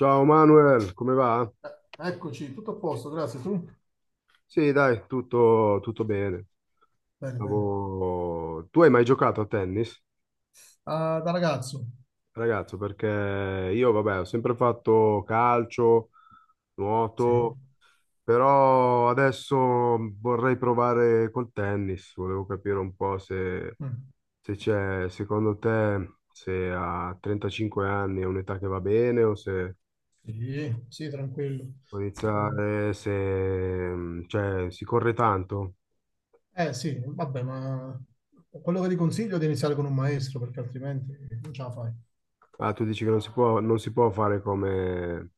Ciao Manuel, come va? Eh, Eccoci, tutto a posto, grazie. Tu? Sì, dai, tutto bene. Bene, bene. Tu hai mai giocato a tennis, Ah, da ragazzo? ragazzo? Perché io, vabbè, ho sempre fatto calcio, Sì. nuoto, però adesso vorrei provare col tennis. Volevo capire un po' se, Mm. se c'è, secondo te, se a 35 anni è un'età che va bene o se Sì, sì, tranquillo. può Eh, iniziare, se, cioè, si corre tanto. Sì, vabbè, ma quello che ti consiglio è di iniziare con un maestro, perché altrimenti non ce la fai. Ah, tu dici che non si può fare come,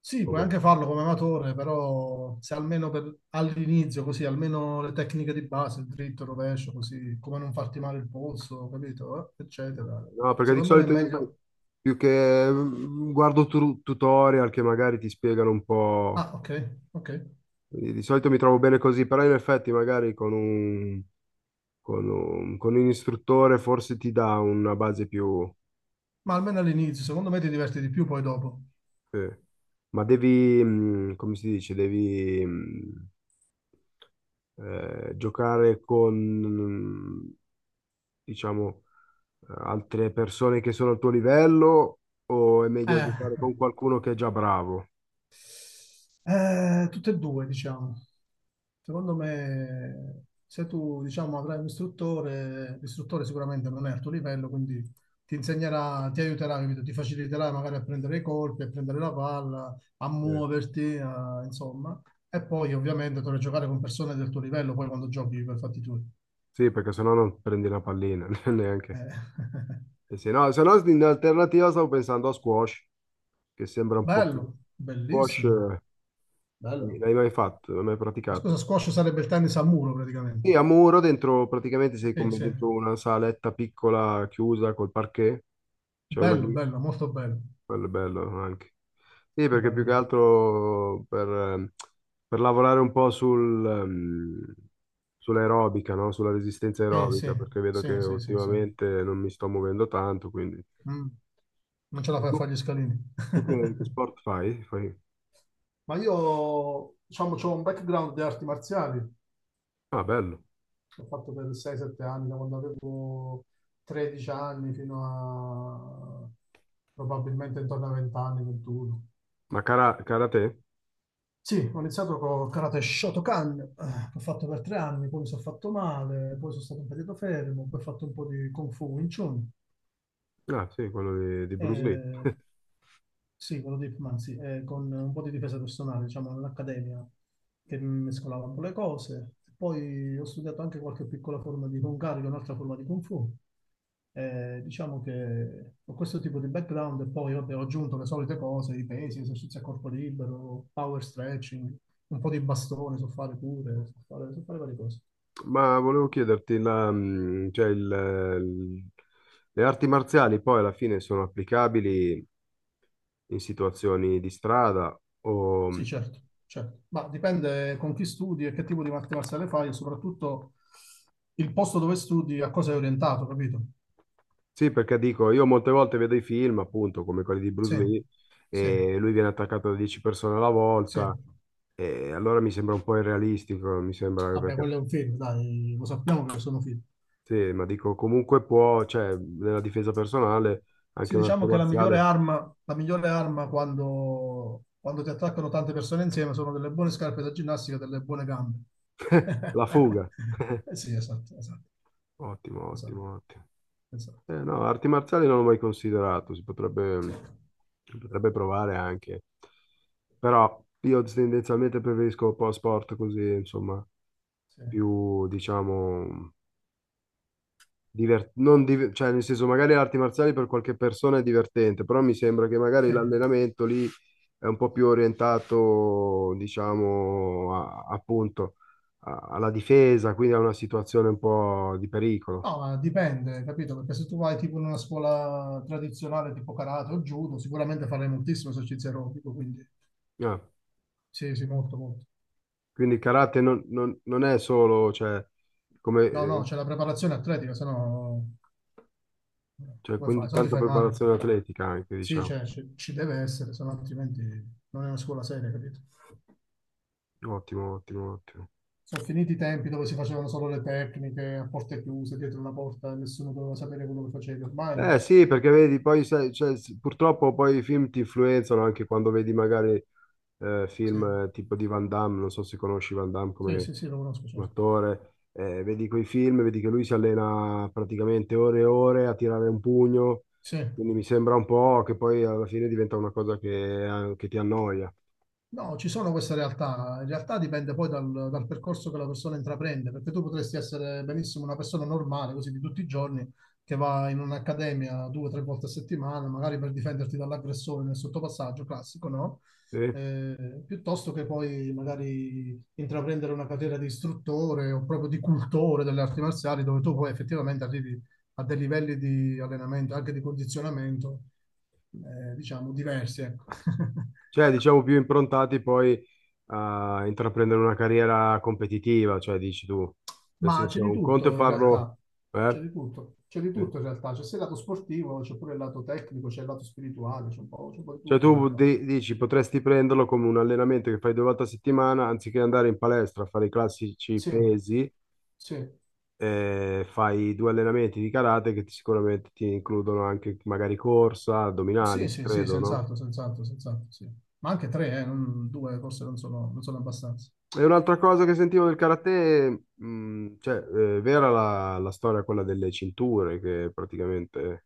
Sì, puoi come- anche farlo come amatore, però se almeno all'inizio, così, almeno le tecniche di base, il dritto, il rovescio, così, come non farti male il polso, capito? Eccetera. No, perché di Secondo me è solito io sai, meglio... più che guardo tutorial che magari ti spiegano un po'. Ah, ok, ok. Di solito mi trovo bene così, però in effetti magari con un istruttore forse ti dà una base più. Ma almeno all'inizio, secondo me ti diverti di più poi dopo. Eh. Ma devi, come si dice, devi giocare con, diciamo altre persone che sono al tuo livello o è meglio Eh, giocare con qualcuno che è già bravo? Tutte e due, diciamo. Secondo me, se tu, diciamo, avrai un istruttore, l'istruttore sicuramente non è al tuo livello, quindi ti insegnerà, ti aiuterà, capito? Ti faciliterà magari a prendere i colpi, a prendere la palla, a Eh, muoverti, insomma. E poi ovviamente dovrai giocare con persone del tuo livello, poi quando giochi per fatti tuoi. sì, perché sennò non prendi la pallina neanche. Eh. E se no, in alternativa stavo pensando a squash, che sembra un po' più. Bello, Squash, bellissimo, bello. l'hai mai fatto? L'hai mai La scusa, praticato? squash sarebbe il tennis a muro Sì, praticamente. a muro, dentro, praticamente sei Sì, come sì. dentro una saletta piccola chiusa col parquet, c'è una. Bello, bello, molto bello. Quello è bello anche. Sì, perché più che Bello. altro per lavorare un po' sul, sull'aerobica, no? Sulla resistenza Sì, aerobica, sì, perché vedo che sì, sì, sì, sì. ultimamente non mi sto muovendo tanto, quindi. Mm. Non ce la E fai a tu, fare gli scalini. tu che sport fai? Ma io, diciamo, ho un background di arti marziali, l'ho Ah, bello. fatto per 6-7 anni, da quando avevo 13 anni fino a probabilmente intorno ai 20 anni, 21. Ma karate? Sì, ho iniziato con karate Shotokan, che ho fatto per tre anni, poi mi sono fatto male, poi sono stato un periodo fermo, poi ho fatto un po' di Kung Fu Wing Chun. Ah, sì, quello di Bruce Lee. Eh, Sì, quello di Manzi, con un po' di difesa personale, diciamo, all'accademia, che mescolava un po' le cose. Poi ho studiato anche qualche piccola forma di Kung Karate, un'altra forma di Kung Fu. Diciamo che ho questo tipo di background e poi vabbè, ho aggiunto le solite cose, i pesi, esercizi a corpo libero, power stretching, un po' di bastone, so fare pure, so fare varie cose. Ma volevo chiederti, la, cioè il, le arti marziali poi alla fine sono applicabili in situazioni di strada o. Sì, certo, certo. Ma dipende con chi studi e che tipo di arti marziale fai e soprattutto il posto dove studi a cosa è orientato, capito? Sì, perché dico, io molte volte vedo i film, appunto, come quelli di Sì, Bruce Lee, sì, e lui viene attaccato da 10 persone alla sì. volta, e allora mi sembra un po' irrealistico, mi sembra Vabbè, perché, quello è un film, dai, lo sappiamo che sono film. sì, ma dico, comunque può, cioè, nella difesa personale, Sì, anche un'arte diciamo che marziale. La migliore arma quando, quando ti attaccano tante persone insieme sono delle buone scarpe da ginnastica e delle buone gambe. La fuga. Eh sì, esatto, esatto, Ottimo, esatto, ottimo, ottimo. esatto. No, arti marziali non l'ho mai considerato, si potrebbe provare anche, però io tendenzialmente preferisco un po' sport così, insomma. Sì, Più, diciamo, diver- non div- cioè nel senso magari le arti marziali per qualche persona è divertente, però mi sembra che magari sì. l'allenamento lì è un po' più orientato, diciamo, appunto alla difesa, quindi a una situazione un po' di pericolo. No, ma dipende, capito? Perché se tu vai tipo in una scuola tradizionale tipo karate o judo, sicuramente farai moltissimo esercizio aerobico, quindi Ah, sì, sì, molto, molto. quindi il karate non è solo, cioè, come, No, no, c'è la preparazione atletica, se no cioè, come quindi fai? Se no ti tanta fai male. preparazione atletica anche, Sì, diciamo. cioè, ci, ci deve essere, se no altrimenti non è una scuola seria, capito? Ottimo, ottimo, ottimo. Sono finiti i tempi dove si facevano solo le tecniche a porte chiuse, dietro una porta, e nessuno doveva sapere quello che facevi. Eh Ormai, sì, perché vedi, poi sai, cioè, purtroppo poi i film ti influenzano anche quando vedi magari sì, film tipo di Van Damme, non so se conosci Van Damme sì, come, sì, sì, lo conosco, come certo. attore, vedi quei film, vedi che lui si allena praticamente ore e ore a tirare un pugno, Sì. quindi mi sembra un po' che poi alla fine diventa una cosa che ti annoia. No, ci sono queste realtà. In realtà dipende poi dal, dal percorso che la persona intraprende, perché tu potresti essere benissimo una persona normale, così di tutti i giorni, che va in un'accademia due o tre volte a settimana, magari per difenderti dall'aggressore nel sottopassaggio classico, no? Sì? Piuttosto che poi magari intraprendere una carriera di istruttore o proprio di cultore delle arti marziali, dove tu poi effettivamente arrivi a dei livelli di allenamento, anche di condizionamento, diciamo, diversi, ecco. Cioè, diciamo più improntati poi a intraprendere una carriera competitiva, cioè dici tu, nel Ma c'è senso di un conto è tutto in farlo. realtà, Eh? C'è di Sì. tutto in realtà, c'è sia il lato sportivo, c'è pure il lato tecnico, c'è il lato spirituale, c'è un po' di Cioè tutto in tu realtà. Dici potresti prenderlo come un allenamento che fai due volte a settimana, anziché andare in palestra a fare i classici Sì, pesi, sì, fai due allenamenti di karate che sicuramente ti includono anche magari corsa, sì, addominali, sì, sì, credo, no? senz'altro, senz'altro, senz'altro, sì. Ma anche tre, due forse non sono, non sono abbastanza. E un'altra cosa che sentivo del karate, cioè, vera la storia quella delle cinture, che praticamente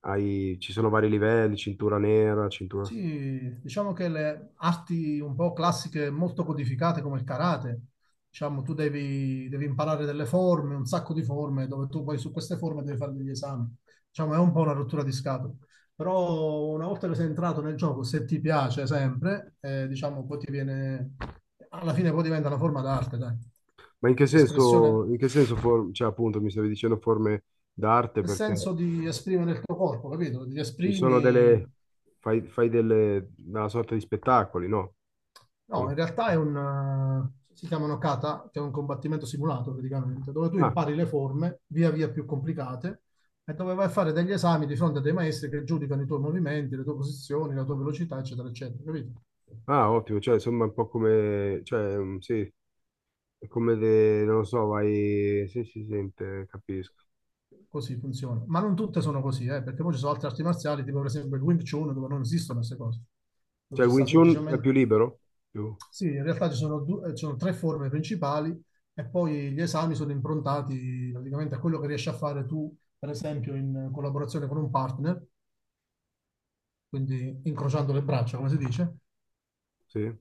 hai, ci sono vari livelli, cintura nera, cintura. Sì, diciamo che le arti un po' classiche molto codificate come il karate, diciamo tu devi, devi imparare delle forme, un sacco di forme, dove tu poi su queste forme devi fare degli esami. Diciamo è un po' una rottura di scatole. Però una volta che sei entrato nel gioco, se ti piace sempre, diciamo poi ti viene, alla fine poi diventa una forma d'arte, dai, Ma in che di senso, espressione, in che senso cioè appunto mi stavi dicendo forme d'arte nel perché. senso di esprimere il tuo corpo, capito? Ti Ci sono esprimi delle. Fai delle una sorta di spettacoli, no? No, Come- in realtà è un, si chiamano kata, che è un combattimento simulato praticamente, dove tu Ah, impari le forme via via più complicate e dove vai a fare degli esami di fronte a dei maestri che giudicano i tuoi movimenti, le tue posizioni, la tua velocità, eccetera, eccetera, capito? ah, ottimo, cioè insomma un po' come. Cioè, sì, è come de. Non lo so, vai. Sì, si sente, capisco. Così funziona. Ma non tutte sono così, perché poi ci sono altre arti marziali, tipo per esempio il Wing Chun, dove non esistono queste cose, dove Cioè ci il Wing sta Chun è più semplicemente libero? Più. Sì, in realtà ci sono, ci sono tre forme principali e poi gli esami sono improntati praticamente a quello che riesci a fare tu, per esempio, in collaborazione con un partner, quindi incrociando le braccia, come si dice, Sì.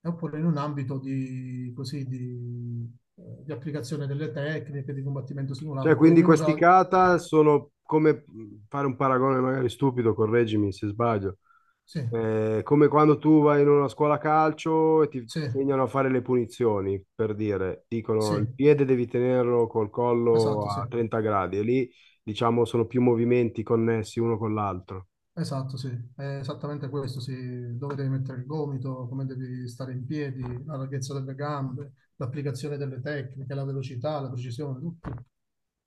e oppure in un ambito di, così, di applicazione delle tecniche di combattimento Cioè, simulato. Poi quindi ognuno questi ha... kata sono come fare un paragone magari stupido, correggimi se sbaglio. Sì, Come quando tu vai in una scuola calcio e ti sì, insegnano a fare le punizioni, per dire, dicono sì, il piede devi tenerlo col collo esatto, sì. a 30 gradi e lì, diciamo, sono più movimenti connessi uno con l'altro. Esatto, sì, è esattamente questo, sì, dove devi mettere il gomito, come devi stare in piedi, la larghezza delle gambe, l'applicazione delle tecniche, la velocità, la precisione, tutto.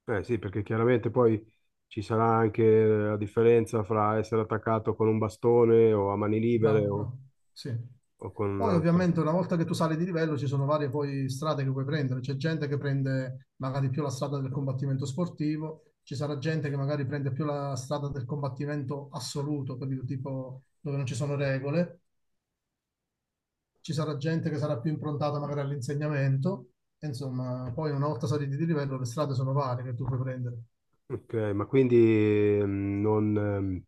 Eh sì, perché chiaramente poi ci sarà anche la differenza fra essere attaccato con un bastone o a mani Bravo, libere o, bravo. Sì. o con un Poi altro. ovviamente una volta che tu sali di livello ci sono varie poi strade che puoi prendere, c'è gente che prende magari più la strada del combattimento sportivo, ci sarà gente che magari prende più la strada del combattimento assoluto, capito? Tipo dove non ci sono regole, ci sarà gente che sarà più improntata magari all'insegnamento, e insomma, poi una volta saliti di livello le strade sono varie che tu puoi prendere. Ok, ma quindi non,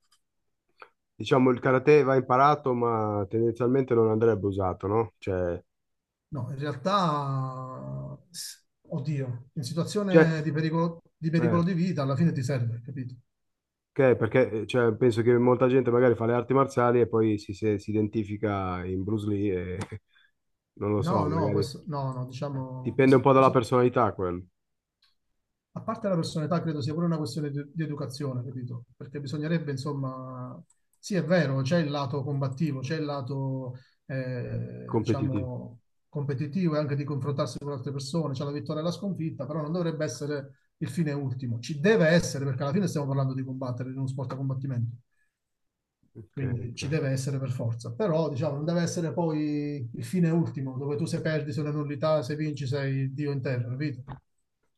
diciamo il karate va imparato, ma tendenzialmente non andrebbe usato, no? Cioè, No, in realtà, oddio, in cioè, situazione di pericolo di, eh, pericolo di vita alla fine ti serve, capito? ok, perché cioè, penso che molta gente magari fa le arti marziali e poi si, se- si identifica in Bruce Lee e non lo so, No, no, magari questo, no, no, diciamo, dipende un questo, po' dalla so, personalità quel a parte la personalità, credo sia pure una questione di educazione, capito? Perché bisognerebbe, insomma, sì, è vero, c'è il lato combattivo, c'è il lato, competitivo. diciamo, competitivo e anche di confrontarsi con altre persone, c'è la vittoria e la sconfitta, però non dovrebbe essere il fine ultimo. Ci deve essere, perché alla fine stiamo parlando di combattere in uno sport a combattimento, Ok, quindi ci ok. deve essere per forza, però, diciamo, non deve essere poi il fine ultimo, dove tu se perdi, se una nullità, se vinci, sei Dio in terra, capito?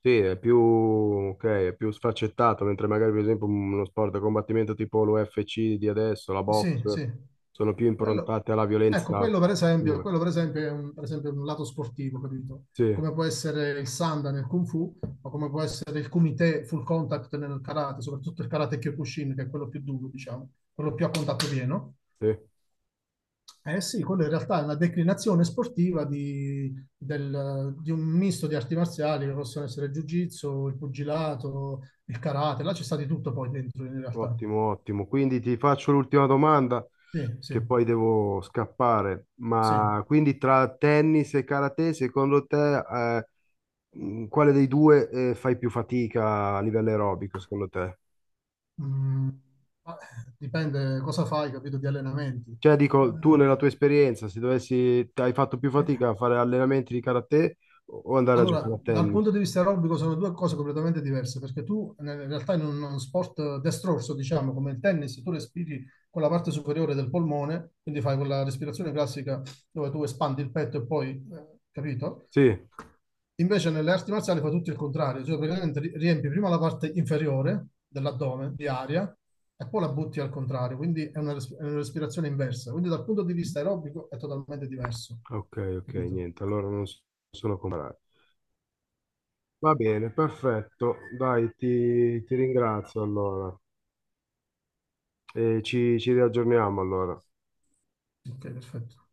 Sì, è più, ok, è più sfaccettato, mentre magari per esempio uno sport da combattimento tipo l'UFC di adesso, la Sì, box, sì. sono più Quello, improntate alla ecco, violenza pura. quello per esempio è un, per esempio un lato sportivo, capito? Sì, Come può essere il Sanda nel Kung Fu, o come può essere il Kumite Full Contact nel Karate, soprattutto il Karate Kyokushin, che è quello più duro, diciamo, quello più a contatto pieno. sì, Eh sì, quello in realtà è una declinazione sportiva di, di un misto di arti marziali che possono essere il Jiu-Jitsu, il pugilato, il Karate, là c'è stato di tutto poi dentro in realtà. ottimo, ottimo. Quindi ti faccio l'ultima domanda, Sì, sì, che poi devo scappare. sì. Ma quindi tra tennis e karate, secondo te, quale dei due, fai più fatica a livello aerobico, secondo te? Mm, ma, dipende cosa fai, capito, di allenamenti. Cioè, dico, tu nella tua esperienza, se dovessi, hai fatto più Eh, fatica a fare allenamenti di karate o andare a Allora, giocare a dal punto tennis? di vista aerobico sono due cose completamente diverse, perché tu in realtà in uno sport destrorso, diciamo, come il tennis, tu respiri con la parte superiore del polmone, quindi fai quella respirazione classica dove tu espandi il petto e poi, capito? Sì, Invece nelle arti marziali fa tutto il contrario, cioè praticamente riempi prima la parte inferiore dell'addome di aria e poi la butti al contrario, quindi è una, è una respirazione inversa. Quindi dal punto di vista aerobico è totalmente diverso, ok, ok, capito? niente, allora non sono comparati. Va bene, perfetto, dai, ti ringrazio allora e ci riaggiorniamo allora. Ok, perfetto.